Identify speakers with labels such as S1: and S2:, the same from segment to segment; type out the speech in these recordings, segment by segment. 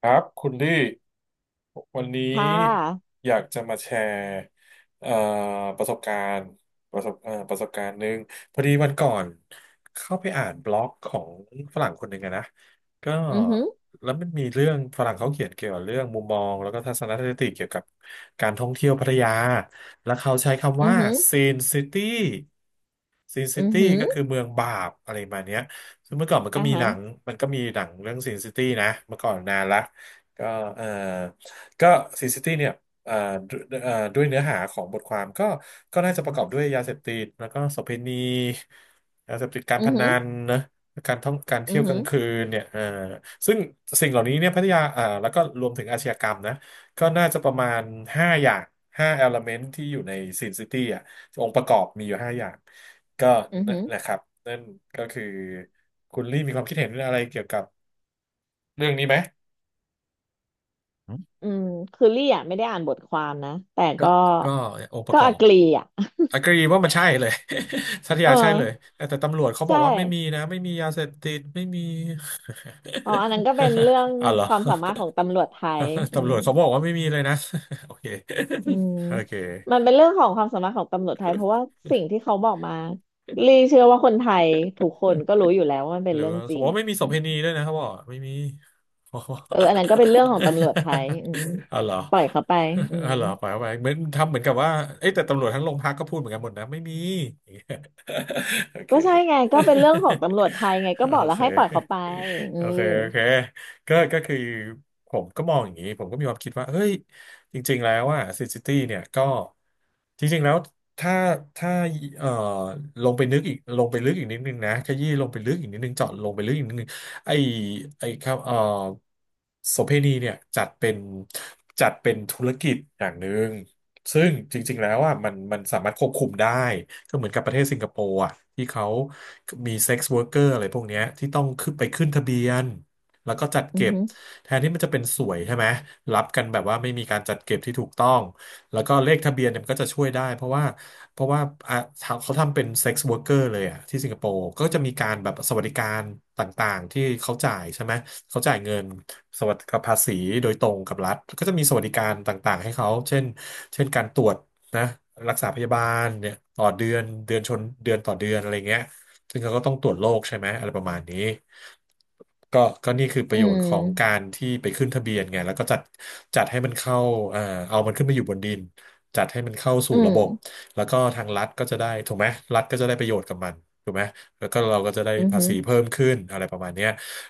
S1: ครับคุณลี่วันนี้
S2: ค่ะ
S1: อยากจะมาแชร์เอ่อประสบการณ์ประสบการณ์หนึ่งพอดีวันก่อนเข้าไปอ่านบล็อกของฝรั่งคนหนึ่งอะนะก็
S2: อือหือ
S1: แล้วมันมีเรื่องฝรั่งเขาเขียนเกี่ยวกับเรื่องมุมมองแล้วก็ทัศนคติเกี่ยวกับการท่องเที่ยวพัทยาแล้วเขาใช้คำ
S2: อือ
S1: ว่า
S2: หือ
S1: ซีนซิตี้ซีนซิ
S2: อือ
S1: ตี้
S2: หือ
S1: ก็คือเมืองบาปอะไรประมาณเนี้ยซึ่งเมื่อก่อนมันก็
S2: อ่า
S1: มีห
S2: ฮะ
S1: นังมันก็มีหนังเรื่องซินซิตี้นะเมื่อก่อนนานละ ก็เอ่อก็ซีซิตี้เนี่ยเอ่อด้วยเนื้อหาของบทความก็ก็น่าจะประกอบด้วยยาเสพติดแล้วก็โสเภณียาเสพติดการ
S2: อื
S1: พ
S2: อหื
S1: นั
S2: อ
S1: นนะการท่องการ
S2: อื
S1: เที่ย
S2: อ
S1: วก
S2: หื
S1: ลา
S2: อ
S1: งคืนเนี่ยซึ่งสิ่งเหล่านี้เนี่ยพัทยาแล้วก็รวมถึงอาชญากรรมนะก็น่าจะประมาณห้าอย่างห้าเอลเมนตที่อยู่ในซีซิตี้อ่ะองค์ประกอบมีอยู่ห้าอย่างก็
S2: อือ
S1: นั่น
S2: หือ
S1: แหละครับนั่นก็คือคุณลี่มีความคิดเห็นอะไรเกี่ยวกับเรื่องนี้ไหม
S2: อืมคือลี่อ่ะไม่ได้อ่านบทความนะแต่
S1: ก็
S2: ก็
S1: ก็องค์ประ
S2: ก็
S1: กอ
S2: อ
S1: บ
S2: กลีอ่ะ
S1: agree ว่ามันใช่เลย สัต
S2: เอ
S1: ยาใช่เลย
S2: อ
S1: แต่ตำรวจเขาบอ
S2: ใช่
S1: กว่าไม่มีนะ ไม่มียาเสพติด ไม่มี
S2: อ๋ออันนั้นก็เป็นเรื่อง
S1: อ้าวเหร
S2: ค
S1: อ
S2: วามสามารถของตำรวจไทย อื
S1: ตำร
S2: ม
S1: วจเขาบอกว่าไม่มีเลยนะ โอเค
S2: อืม
S1: โอเค
S2: มันเป็นเรื่องของความสามารถของตำรวจไทยเพราะว่าสิ่งที่เขาบอกมาลี่เชื่อว่าคนไทยทุกคนก็รู้อยู่แล้วว่ามันเป็
S1: ห
S2: น
S1: รือ
S2: เรื่องจ
S1: เขา
S2: ริ
S1: บ
S2: ง
S1: อกว่า
S2: อ่ะ
S1: ไม่มีโส
S2: อื
S1: เภณี
S2: ม
S1: ด้วยนะครับบอกไม่มี อ๋อ
S2: เอออันนั้นก็เป็นเรื่องของตำรวจไทยอืม
S1: อ๋อเหรอ
S2: ปล่อยเขาไปอื
S1: อ๋อ
S2: ม
S1: เหรอไปไปเหมือนทำเหมือนกับว่าเอ้ยแต่ตำรวจทั้งโรงพักก็พูดเหมือนกันหมดนะไม่มี โอเค
S2: ก็ใช่ไงก็เป็นเรื่องของตำรวจ ไทยไง
S1: โอ
S2: ก็บอกแล้
S1: เ
S2: วให้ปล่อยเขา
S1: ค
S2: ไปอื
S1: โอเค
S2: ม
S1: โอเคก็ก็คือผมก็มองอย่างนี้ผมก็มีความคิดว่าเฮ้ย จริงๆแล้วอ่ะซิซิตี้เนี่ยก็จริงๆแล้วถ้าถ้าเอ่อลงไปนึกอีกลงไปลึกอีกนิดนึงนะขยี้ลงไปลึกอีกนิดนึงเจาะลงไปลึกอีกนิดนึงไอ้ไอ้ครับโสเภณีเนี่ยจัดเป็นจัดเป็นธุรกิจอย่างหนึ่งซึ่งจริงๆแล้วอ่ะมันสามารถควบคุมได้ก็เหมือนกับประเทศสิงคโปร์อ่ะที่เขามีเซ็กซ์ r ว k e r เกอร์อะไรพวกเนี้ยที่ต้องขึ้นไปขึ้นทะเบียน แล้วก็จัด
S2: อือ
S1: เก็บ
S2: หือ
S1: แทนที่มันจะเป็นสวยใช่ไหมรับกันแบบว่าไม่มีการจัดเก็บที่ถูกต้องแล้วก็เลขทะเบียนเนี่ยมันก็จะช่วยได้เพราะว่าอ่ะเขาทำเป็นเซ็กซ์ o r k e เกอร์เลยอ่ะที่สิงคโปร์ก็จะมีการแบบสวัสดิการต่างๆที่เขาจ่ายใช่ไหมเขาจ่ายเงินสวัสดิกับภาษีโดยตรงกับรัฐก็จะมีสวัสดิการต่างๆให้เขาเช่นเช่นการตรวจนะรักษาพยาบาลเนี่ยต่อเดือนเดือนชนเดือนต่อเดือนอะไรเงี้ย ซึ่งเขาก็ต้องตรวจโรคใช่ไหมอะไรประมาณนี้ก็ก็นี่คือป
S2: อื
S1: ระโยชน์ของกา
S2: ม
S1: รที่ไปขึ้นทะเบียนไงแล้วก็จัดจัดให้มันเข้าเอ่อเอามันขึ้นมาอยู่บนดินจัดให้มันเข้าสู่
S2: อื
S1: ระ
S2: ม
S1: บบแล้วก็ทางรัฐก็จะได้ถูกไหมรัฐก็จะได้ประโยชน์กับมันถูกไหมแล้วก็เราก็จะได้
S2: อือ
S1: ภา
S2: หือ
S1: ษีเพิ่มขึ้นอะไรประมาณเนี้ย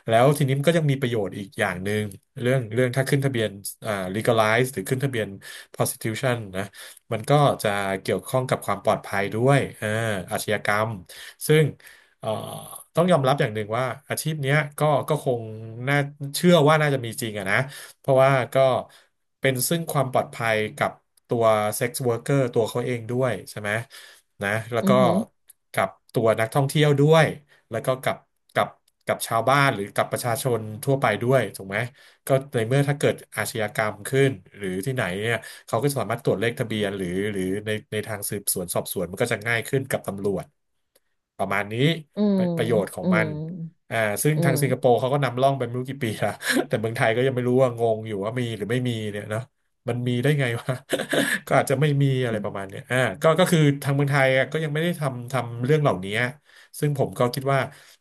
S1: แล้วทีนี้มันก็ยังมีประโยชน์อีกอย่างหนึ่งเรื่องถ้าขึ้นทะเบียนlegalize หรือขึ้นทะเบียน prostitution นะมันก็จะเกี่ยวข้องกับความปลอดภัยด้วยอ่าอาชญากรรมซึ่ง เอ่อต้องยอมรับอย่างหนึ่งว่าอาชีพเนี้ยก็คงน่าเชื่อว่าน่าจะมีจริงอะนะเพราะว่าก็เป็นซึ่งความปลอดภัยกับตัวเซ็กซ์ r ว r ร์ตัวเขาเองด้วยใช่ไหมนะแล้ว
S2: อื
S1: ก็
S2: อหือ
S1: กับตัวนักท่องเที่ยวด้วยแล้วก็กับกับชาวบ้านหรือกับประชาชนทั่วไปด้วยถูกไหมก็ในเมื่อถ้าเกิดอาชญากรรมขึ้นหรือที่ไหนเนี่ย เขาก็สามารถตรวจเลขทะเบียนหรือในทางสืบสวนสอบสวนมันก็จะง่ายขึ้นกับตำรวจประมาณนี้
S2: อืม
S1: ประโยชน์ของ
S2: อื
S1: มั
S2: ม
S1: นอ่าซึ่ง
S2: อื
S1: ทางสิงคโป
S2: ม
S1: ร์เขาก็นำร่องไปไม่รู้กี่ปีละ แต่เมืองไทยก็ยังไม่รู้ว่างงอยู่ว่ามีหรือไม่มีเนี่ยเนาะมันมีได้ไงวะ ก็อาจจะไม่มีอะไรประมาณเนี้ยอ่าก็ก็คือทางเมืองไทยอะก็ยังไม่ได้ทำทำเรื่องเหล่านี้ซึ่งผมก็คิดว่า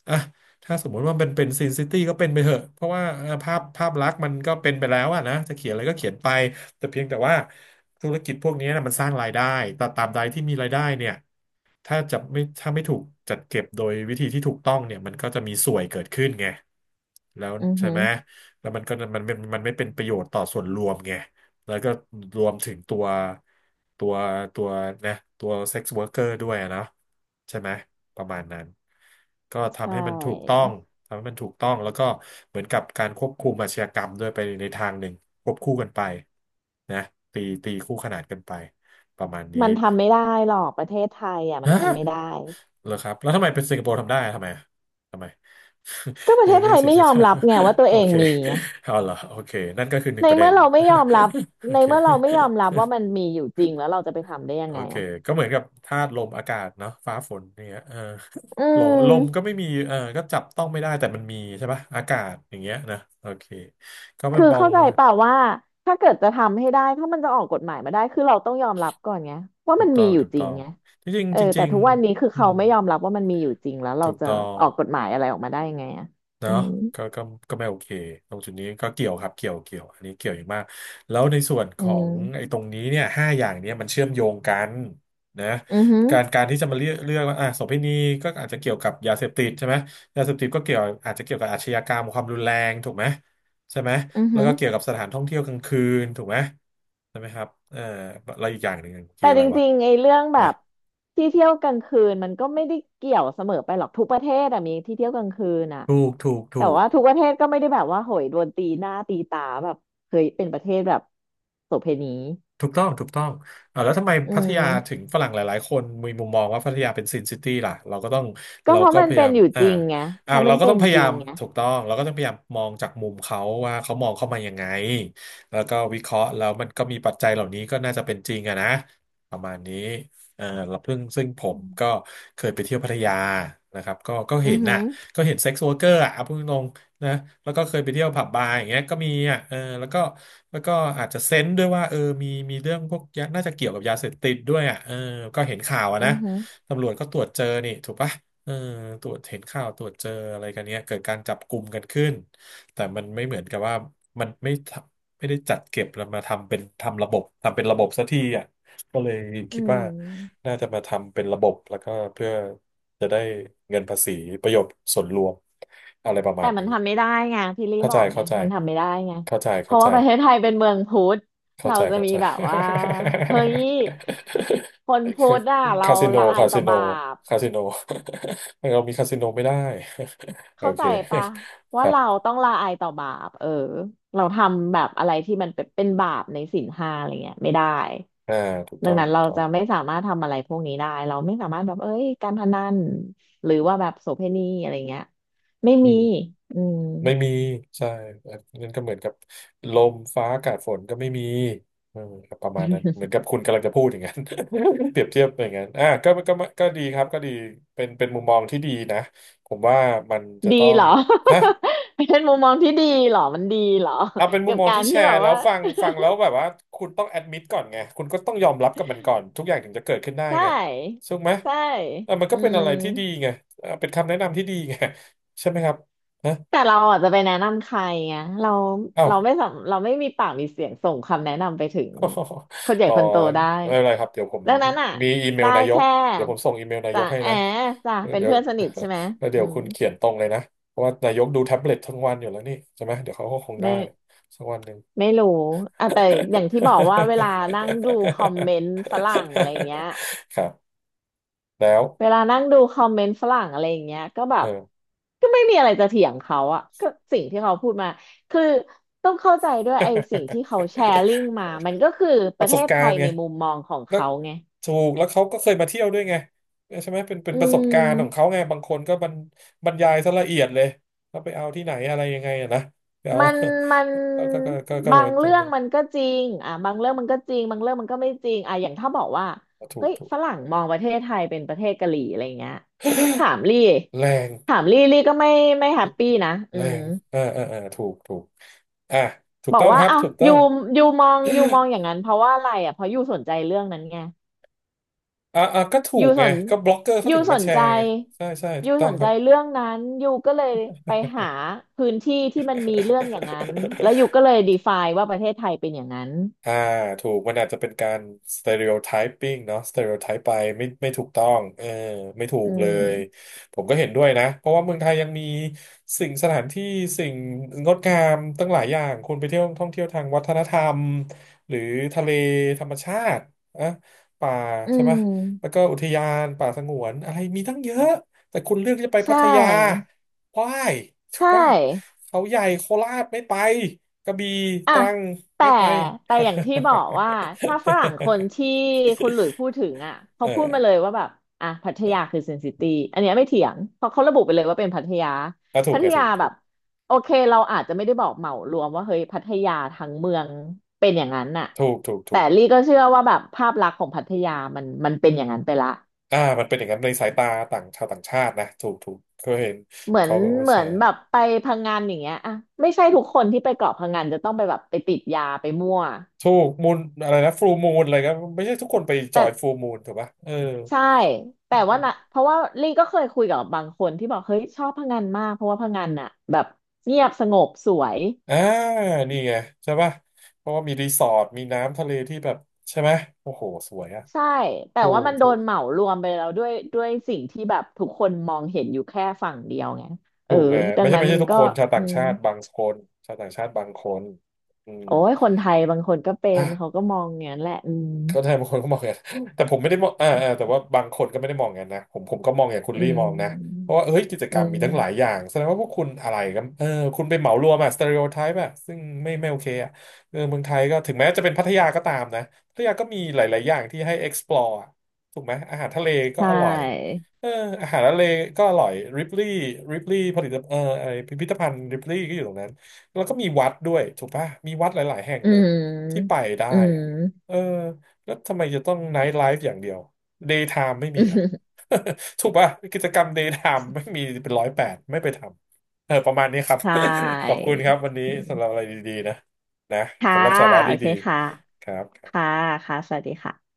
S1: อ่ะถ้าสมมุติว่ามันเป็นซินซิตี้ก็เป็นไปเถอะเพราะว่าภาพลักษณ์มันก็เป็นไปแล้วอะนะจะเขียนอะไรก็เขียนไป แต่เพียงแต่ว่าธุรกิจพวกนี้นะมันสร้างรายได้แต่ตามใดที่มีรายได้เนี่ยถ้าไม่ถูกจัดเก็บโดยวิธีที่ถูกต้องเนี่ยมันก็จะมีส่วยเกิดขึ้นไงแล้ว
S2: อือ
S1: ใช่
S2: หือ
S1: ไหมแล้วมันก็มันไม่เป็นประโยชน์ต่อส่วนรวมไง แล้วก็รวมถึงตัวตัวตัวนะตัวเซ็กซ์ r วิรเกอร์ด้วยนะใช่ไหมประมาณนั้นก็
S2: ใช
S1: ทำให้มันถูกต้อ
S2: ่
S1: งทำให้มันถูกต้องแล้วก็เหมือนกับการควบคุมอาชญากรรมด้วยไปในทางหนึ่งควบคู่กันไปนะตีคู่ขนานกันไปประมาณนี้
S2: มันทำไม่ได้หรอกประเทศไทยอ่ะมัน
S1: ฮะ
S2: ทำไม่ได้
S1: เหรอครับแล้วทำไมเป็นสิงคโปร์ทำได้อะทำไมอะทำไม
S2: ก็ป ระ
S1: ใน
S2: เทศ
S1: เรื่
S2: ไท
S1: อง
S2: ย
S1: สี
S2: ไม่
S1: เซ
S2: ย
S1: น
S2: อ
S1: เตอ
S2: ม
S1: ร์
S2: รับไงว่าตั ว
S1: โอ
S2: เอง
S1: เค
S2: มี
S1: เอาเหรอโอเคนั่นก็คือหนึ่
S2: ใน
S1: งประเด็
S2: เมื่
S1: น
S2: อเราไม่ยอมรับ
S1: โอ
S2: ใน
S1: เค
S2: เมื่อเราไม่ยอมรับว่ามันมีอยู่จริงแล้วเราจะไปทำได้ยั
S1: โอ
S2: งไง
S1: เค
S2: อ่ะ
S1: ก็เหมือนกับธาตุลมอากาศเนาะฟ้าฝนอย่างเงี้ย
S2: อื
S1: โลลมก็
S2: ม
S1: ไม่มีเออก็จับต้องไม่ได้แต่มันมีใช่ปะอากาศอย่างเงี้ยนะ โอเค ก็ไม่
S2: คือ
S1: มอง
S2: เข้าใจ
S1: ว่า
S2: เปล่าว่าถ้าเกิดจะทำให้ได้ถ้ามันจะออกกฎหมายมาได้คือเราต้องยอมรับก่อนไงว่า
S1: ถู
S2: มั
S1: ก
S2: น
S1: ต้
S2: มี
S1: อง
S2: อยู่
S1: ถูก
S2: จริ
S1: ต้อ
S2: ง
S1: ง
S2: ไง
S1: จริง
S2: เอ
S1: ๆ
S2: อ
S1: จ
S2: แต่
S1: ริง
S2: ทุกวันนี้คือ
S1: ๆอื
S2: เขา
S1: ม
S2: ไม่ยอมรับว่ามันมีอยู่จริงแล้วเรา
S1: ถูก
S2: จะ
S1: ต้อง
S2: ออกกฎหมายอะไรออกมาได้ยังไงอ่ะอื
S1: เนาะ
S2: ม
S1: ก็ก็ก็ไม่โอเคตรงจุดนี้ก็เกี่ยวครับเกี่ยวอันนี้เกี่ยวอย่างมากแล้วในส่วนข
S2: อื
S1: องไอ้
S2: ม
S1: ตรงนี้เนี่ยห้าอย่างเนี่ยมันเชื่อมโยงกันนะ
S2: อือหือ
S1: การที่จะมาเลือกว่าอ่ะโสเภณีก็อาจจะเกี่ยวกับยาเสพติดใช่ไหมยาเสพติดก็เกี่ยวอาจจะเกี่ยวกับอาชญากรรมความรุนแรงถูกไหมใช่ไหม
S2: อือ
S1: แล้ว
S2: หือ
S1: ก็เกี่ยวกับสถานท่องเที่ยวกลางคืนถูกไหมใช่ไหมครับเออแล้วอีกอย่างหนึ่งเมื่อกี้
S2: แต่
S1: อะ
S2: จ
S1: ไรวะ
S2: ริงๆไอ้เรื่องแบ
S1: นะ
S2: บที่เที่ยวกลางคืนมันก็ไม่ได้เกี่ยวเสมอไปหรอกทุกประเทศอะมีที่เที่ยวกลางคืนอะ
S1: ถูกถูก
S2: แต่
S1: ถูก
S2: ว่าทุกประเทศก็ไม่ได้แบบว่าโหยโดนตีหน้าตีตาแบบเคยเป็นประเทศแบบโสเภณี
S1: ถูกต้องถูกต้องอ่าแล้วทำไม
S2: อื
S1: พัท
S2: ม
S1: ยาถึงฝรั่งหลายๆคนมีมุมมองว่าพัทยาเป็นซินซิตี้ล่ะเราก็ต้อง
S2: ก็
S1: เรา
S2: เพราะ
S1: ก็
S2: มั
S1: พ
S2: น
S1: ยา
S2: เป็
S1: ยา
S2: น
S1: ม
S2: อยู่
S1: อ่า
S2: จริงไงเพ
S1: อ่า
S2: ราะมั
S1: เรา
S2: น
S1: ก็
S2: เป็
S1: ต้อง
S2: น
S1: พยา
S2: จ
S1: ยา
S2: ริง
S1: ม
S2: ไง
S1: ถูกต้อง เราก็ต้องพยายามมองจากมุมเขาว่าเขามองเข้ามายังไงแล้วก็วิเคราะห์แล้วมันก็มีปัจจัยเหล่านี้ก็น่าจะเป็นจริงอะนะประมาณนี้เออเราเพิ่งซึ่งผ
S2: อื
S1: ม
S2: ม
S1: ก็เคยไปเที่ยวพัทยานะครับก็ก็
S2: อื
S1: เห็
S2: อ
S1: น
S2: หื
S1: น่ะ
S2: อ
S1: ก็เห็นเซ็กซ์ r ว e r เกอร์อะเอาพูดตรง นะแล้วก็เคยไปเที่ยวผับบาร์อย่างเงี้ยก็มีอ่ะเออแล้วก็แล้วก็อาจจะเซนส์ด้วยว่าเออมีเรื่องพวกยาน่าจะเกี่ยวกับยาเสพติดด้วยอ่ะเออก็เห็นข่าวอะ
S2: อื
S1: นะ
S2: อหือ
S1: ตำรวจก็ตรวจเจอนี่ถูกปะเออตรวจเห็นข่าวตรวจเจออะไรกันเนี้ยเกิดการจับกลุ่มกันขึ้นแต่มันไม่เหมือนกับว่ามันไม่ทำไม่ได้จัดเก็บแล้วมาทำเป็นทำเป็นระบบสักทีอ่ะก็เลย
S2: อื
S1: คิดว่า
S2: ม
S1: น่าจะมาทำเป็นระบบแล้วก็เพื่อ จะได้เงินภาษีประโยชน์ส่วนรวมอะไรประมา
S2: แต่
S1: ณ
S2: มัน
S1: นี้
S2: ทำไม่ได้ไงพี่ลี่
S1: เข้า
S2: บ
S1: ใจ
S2: อกไง
S1: เข้าใจ
S2: มันทำไม่ได้ไง
S1: เข้าใจ
S2: เพ
S1: เข้า
S2: ราะ
S1: ใจ
S2: ว่าประเทศไทยเป็นเมืองพุทธ
S1: เข้า
S2: เรา
S1: ใจ
S2: จะ
S1: เข้า
S2: มี
S1: ใจ
S2: แบบว่า เฮ้ยคนพุทธอ่ะเรา
S1: คาสิโน
S2: ละอา
S1: คา
S2: ยต่
S1: สิ
S2: อ
S1: โน
S2: บาป
S1: คาสิโน เรามีคาสิโนไม่ได้ โอ
S2: เข้า
S1: เค
S2: ใจปะ
S1: ค
S2: ว่า
S1: รั
S2: เรา
S1: บ
S2: ต้องละอายต่อบาปเออเราทำแบบอะไรที่มันเป็นบาปในศีลห้าอะไรเงี้ยไม่ได้
S1: อ่าถูก
S2: ดั
S1: ต้อ
S2: ง
S1: ง
S2: นั้น
S1: ถูก
S2: เรา
S1: ต้อง
S2: จะไม่สามารถทำอะไรพวกนี้ได้เราไม่สามารถแบบเอ้ยการพนันหรือว่าแบบโสเภณีอะไรเงี้ยไม่
S1: อื
S2: มี
S1: ม
S2: อืม
S1: ไม่มีใช่นั่นก็เหมือนกับลมฟ้าอากาศฝนก็ไม่มีเออครับประมาณนั้นเหมื อนกับคุณกำลังจะพูดอย่างนั้น เปรียบเทียบอย่างนั้นอ่ะก็ดีครับก็ดีเป็นมุมมองที่ดีนะผมว่ามันจะ
S2: ดี
S1: ต้อง
S2: เหรอ
S1: ฮะ
S2: เป็นมุมมองที่ดีเหรอมันดีเหรอ
S1: เอาเป็นมุ
S2: กั
S1: ม
S2: บ
S1: มอง
S2: การ
S1: ที่แช
S2: ที่แบ
S1: ร์
S2: บ
S1: แล้ว
S2: ว่า
S1: ฟังแล้วแบบว่าคุณต้องแอดมิดก่อนไงคุณก็ต้องยอมรับกับมันก่อนทุกอย่างถึงจะเกิดขึ้นได้
S2: ใช
S1: ไง
S2: ่
S1: ถูกไหม
S2: ใช่
S1: เออมัน
S2: อื
S1: ก็เป็น
S2: ม
S1: อะไรที่ดีไงเออเป็นคำแนะนำที่ดีไงใช่ไหมครับฮะ
S2: แต่เราอาจจะไปแนะนำใครไงเรา
S1: เอ้า
S2: เราไม่สำเราไม่มีปากมีเสียงส่งคำแนะนำไปถึงคนให ญ่
S1: อ๋อ
S2: คนโตได้
S1: ไม่เป็นไรครับเดี๋ยวผม
S2: ดังนั้นอ่ะ
S1: มีอีเม
S2: ได้
S1: ลนายก
S2: แค่
S1: เดี๋ยวผมส่งอีเมลนาย
S2: จ่า
S1: กให้
S2: แอ
S1: นะ
S2: จ่าเป็น
S1: เดี๋ยว
S2: เพื่อนสนิทใช่ไหม
S1: แล้วเดี๋
S2: อื
S1: ยว
S2: ม
S1: คุณเขียนตรงเลยนะเพราะว่านายกดูแท็บเล็ตทั้งวันอยู่แล้วนี่ใช่ไหมเดี๋ยวเขาก็คงได้
S2: ไม่
S1: สักวันหนึ่ง
S2: ไม่รู้อ่ะแต่อย่างที่บอกว่าเวลานั่งดูคอมเมนต์ฝรั่งอะไรเงี้ย
S1: ครับแล้ว
S2: เวลานั่งดูคอมเมนต์ฝรั่งอะไรอย่างเงี้ยก็แบ
S1: เอ
S2: บ
S1: อ
S2: ก็ไม่มีอะไรจะเถียงเขาอะก็สิ่งที่เขาพูดมาคือต้องเข้าใจด้วยไอ้สิ่งที่เขาแชร์ลิงก์มามันก็คือ ป
S1: ป
S2: ระ
S1: ระส
S2: เท
S1: บ
S2: ศ
S1: กา
S2: ไท
S1: ร
S2: ย
S1: ณ์ไง
S2: ในมุมมองของ
S1: แล้ว
S2: เขาไง
S1: ถูกแล้วเขาก็เคยมาเที่ยวด้วยไงใช่ไหมเป็นเป็น
S2: อื
S1: ประสบการณ์ของเขา
S2: ม
S1: ไงบางคนก็บรรบรรยายซะละเอียดเลยเขาไปเอาที่ไหนอะไรยังไงอะนะเดี๋ยว
S2: มันมัน
S1: ก็
S2: บาง
S1: ตร
S2: เรื่
S1: ง
S2: อง
S1: นั้น
S2: มันก็จริงอ่ะบางเรื่องมันก็จริงบางเรื่องมันก็ไม่จริงอ่ะอย่างถ้าบอกว่า
S1: ถู
S2: เฮ้
S1: ก
S2: ย
S1: ถูก
S2: ฝรั่งมองประเทศไทยเป็นประเทศกะหรี่อะไรเงี้ยถามลี่
S1: แรง
S2: ถามลี่ลี่ก็ไม่แฮปปี้นะอื
S1: แร
S2: ม
S1: งเออเออเออถูกถูกอ่ะถูก
S2: บอ
S1: ต้
S2: ก
S1: อง
S2: ว่า
S1: ครับ
S2: อ้าว
S1: ถูกต้
S2: ยู
S1: อง
S2: ยูมองอย่างนั้นเพราะว่าอะไรอ่ะเพราะยูสนใจเรื่องนั้นไง
S1: อ่ะอ่ะก็ถู
S2: ยู
S1: ก
S2: ส
S1: ไง
S2: น
S1: ก็บล็อกเกอร์เขา
S2: ยู
S1: ถึง
S2: ส
S1: มา
S2: น
S1: แช
S2: ใจ
S1: ร์ไงใช่ใช่ถู
S2: ยู
S1: กต้อ
S2: ส
S1: ง
S2: น
S1: ค
S2: ใจ
S1: รับ
S2: เรื่องนั้นยูก็เลยไปหาพื้นที่ที่มันมีเรื่องอย่างนั้นแล้วยูก็เลย define ว่าประเทศไทยเป็นอย่างนั้น
S1: อ่าถูกมันอาจจะเป็นการ s t e r e o t y p i n g เนาะ stereotyping ไปไม่ถูกต้องเออไม่ถู
S2: อื
S1: กเล
S2: ม
S1: ยผมก็เห็นด้วยนะเพราะว่าเมืองไทยยังมีสิ่งสถานที่สิ่งงดงามตั้งหลายอย่างคุณไปเที่ยวท่องเที่ยวทางวัฒนธรรมหรือทะเลธรรมชาติอ่ะป่า
S2: อื
S1: ใช่ไหมแล้ว
S2: ม
S1: ก็อุทยานป่าสงวนอะไรมีตั้งเยอะแต่คุณเลือกจะไป
S2: ใช
S1: พัทยา
S2: ่
S1: why ถูก
S2: ใช่
S1: ป่ะเขาใหญ่โคราชไม่ไป กระบี่ต
S2: อ่ะ
S1: รัง
S2: แต่
S1: ไม่ไป
S2: แต่อย่างที่บอกว่าถ้าฝรั่งคนที่ คุณหลุยพูดถึงอ่ะเขา
S1: เออ
S2: พูดมาเลยว่าแบบอ่ะพัท
S1: เออ
S2: ยาคือเซนซิตี้อันเนี้ยไม่เถียงเพราะเขาระบุไปเลยว่าเป็นพัทยา
S1: อ่ะถูก
S2: พัท
S1: ไงถู
S2: ยา
S1: ก
S2: แบ
S1: ถูก
S2: บโอเคเราอาจจะไม่ได้บอกเหมารวมว่าเฮ้ยพัทยาทั้งเมืองเป็นอย่างนั้นน่ะ
S1: ถูกถูกถู
S2: แต่
S1: ก
S2: ลี่ก็เชื่อว่าแบบภาพลักษณ์ของพัทยามันเป็นอย่างนั้นไปละ
S1: อ่ามันเป็นอย่างนั้นในสายตาต่างชาวต่างชาตินะถูกถูกเคยเห็น
S2: เหมือน
S1: เขาก็ว่า
S2: เหมื
S1: แช
S2: อน
S1: ร์
S2: แบบไปพังงานอย่างเงี้ยอ่ะไม่ใช่ทุกคนที่ไปเกาะพังงานจะต้องไปแบบไปติดยาไปมั่ว
S1: ถูกมูลอะไรนะฟูมูลอะไรก็ไม่ใช่ทุกคนไปจอ
S2: แต่
S1: ยฟูมูลถูกปะเออ
S2: ใช่แต่ว่านะเพราะว่าลี่ก็เคยคุยกับบางคนที่บอกเฮ้ยชอบพังงานมากเพราะว่าพังงานน่ะแบบเงียบสงบสวย
S1: อ่านี่ไงใช่ป่ะเพราะว่ามีรีสอร์ทมีน้ำทะเลที่แบบใช่ไหมโอ้โหสวยอะ
S2: ใช่แต่
S1: ถู
S2: ว่า
S1: ก
S2: มันโด
S1: ถู
S2: น
S1: ก
S2: เหมารวมไปแล้วด้วยสิ่งที่แบบทุกคนมองเห็นอยู่แค่ฝั่งเดียวไงเอ
S1: ถู
S2: อ
S1: กไง
S2: ดั
S1: ไม่
S2: ง
S1: ใช่
S2: นั้น
S1: ไม่ใช่
S2: มัน
S1: ทุก
S2: ก็
S1: คนชาว
S2: อื
S1: ต่าง
S2: ม
S1: ชาติบางคนชาวต่างชาติบางคนอืม
S2: โอ้ยคนไทยบางคนก็เป็
S1: อ่ะ
S2: นเขาก็มองอย่างนั้นแหละอืม
S1: เข้าใจบางคนก็มองอย่างนั้น แต่ผมไม่ได้มองอ่าอ่าแต่ว่าบางคนก็ไม่ได้มองอย่างนั้นนะผมก็มองอย่างคุณ
S2: อื
S1: ลี่มองนะ
S2: ม
S1: เพราะว่าเฮ้ยกิจก
S2: อื
S1: รรมมี
S2: ม
S1: ทั้งหลายอย่างแสดงว่าพวกคุณอะไรกันเออคุณไปเหมารวมอะสเตอริโอไทป์อะซึ่งไม่โอเคอะเออเมืองไทยก็ถึงแม้จะเป็นพัทยาก็ตามนะพัทยาก็มีหลายๆอย่างที่ให้ explore อะถูกไหมอาหารทะเล
S2: ใช
S1: ก็อร่อย
S2: ่
S1: เอออาหารทะเลก็อร่อยริปลี่ริปลี่ผลิตเออไอพิพิธภัณฑ์ริปลี่ก็อยู่ตรงนั้นแล้วก็มีวัดด้วยถูกปะมีวัดหลายๆแห่ง
S2: อื
S1: เลยที่ไป
S2: ม
S1: ได้
S2: อื
S1: อะ
S2: ม
S1: เออ แล้วทำไมจะต้องไนท์ไลฟ์อย่างเดียวเดย์ไทม์ไม่มีเหรอ่ะ ถูกป่ะ กิจกรรมเดย์ไทม์ไม่มีเป็นร้อยแปดไม่ไปทำเออประมาณนี้ครับ
S2: ใช่
S1: ขอบคุณครับวันนี้สำหรับอะไรดีๆนะนะ
S2: ค่ะ
S1: สำหรับสาระ
S2: โอเค
S1: ดี
S2: ค่ะ
S1: ๆครับ
S2: ค่ะค่ะสวัสดีค่ะ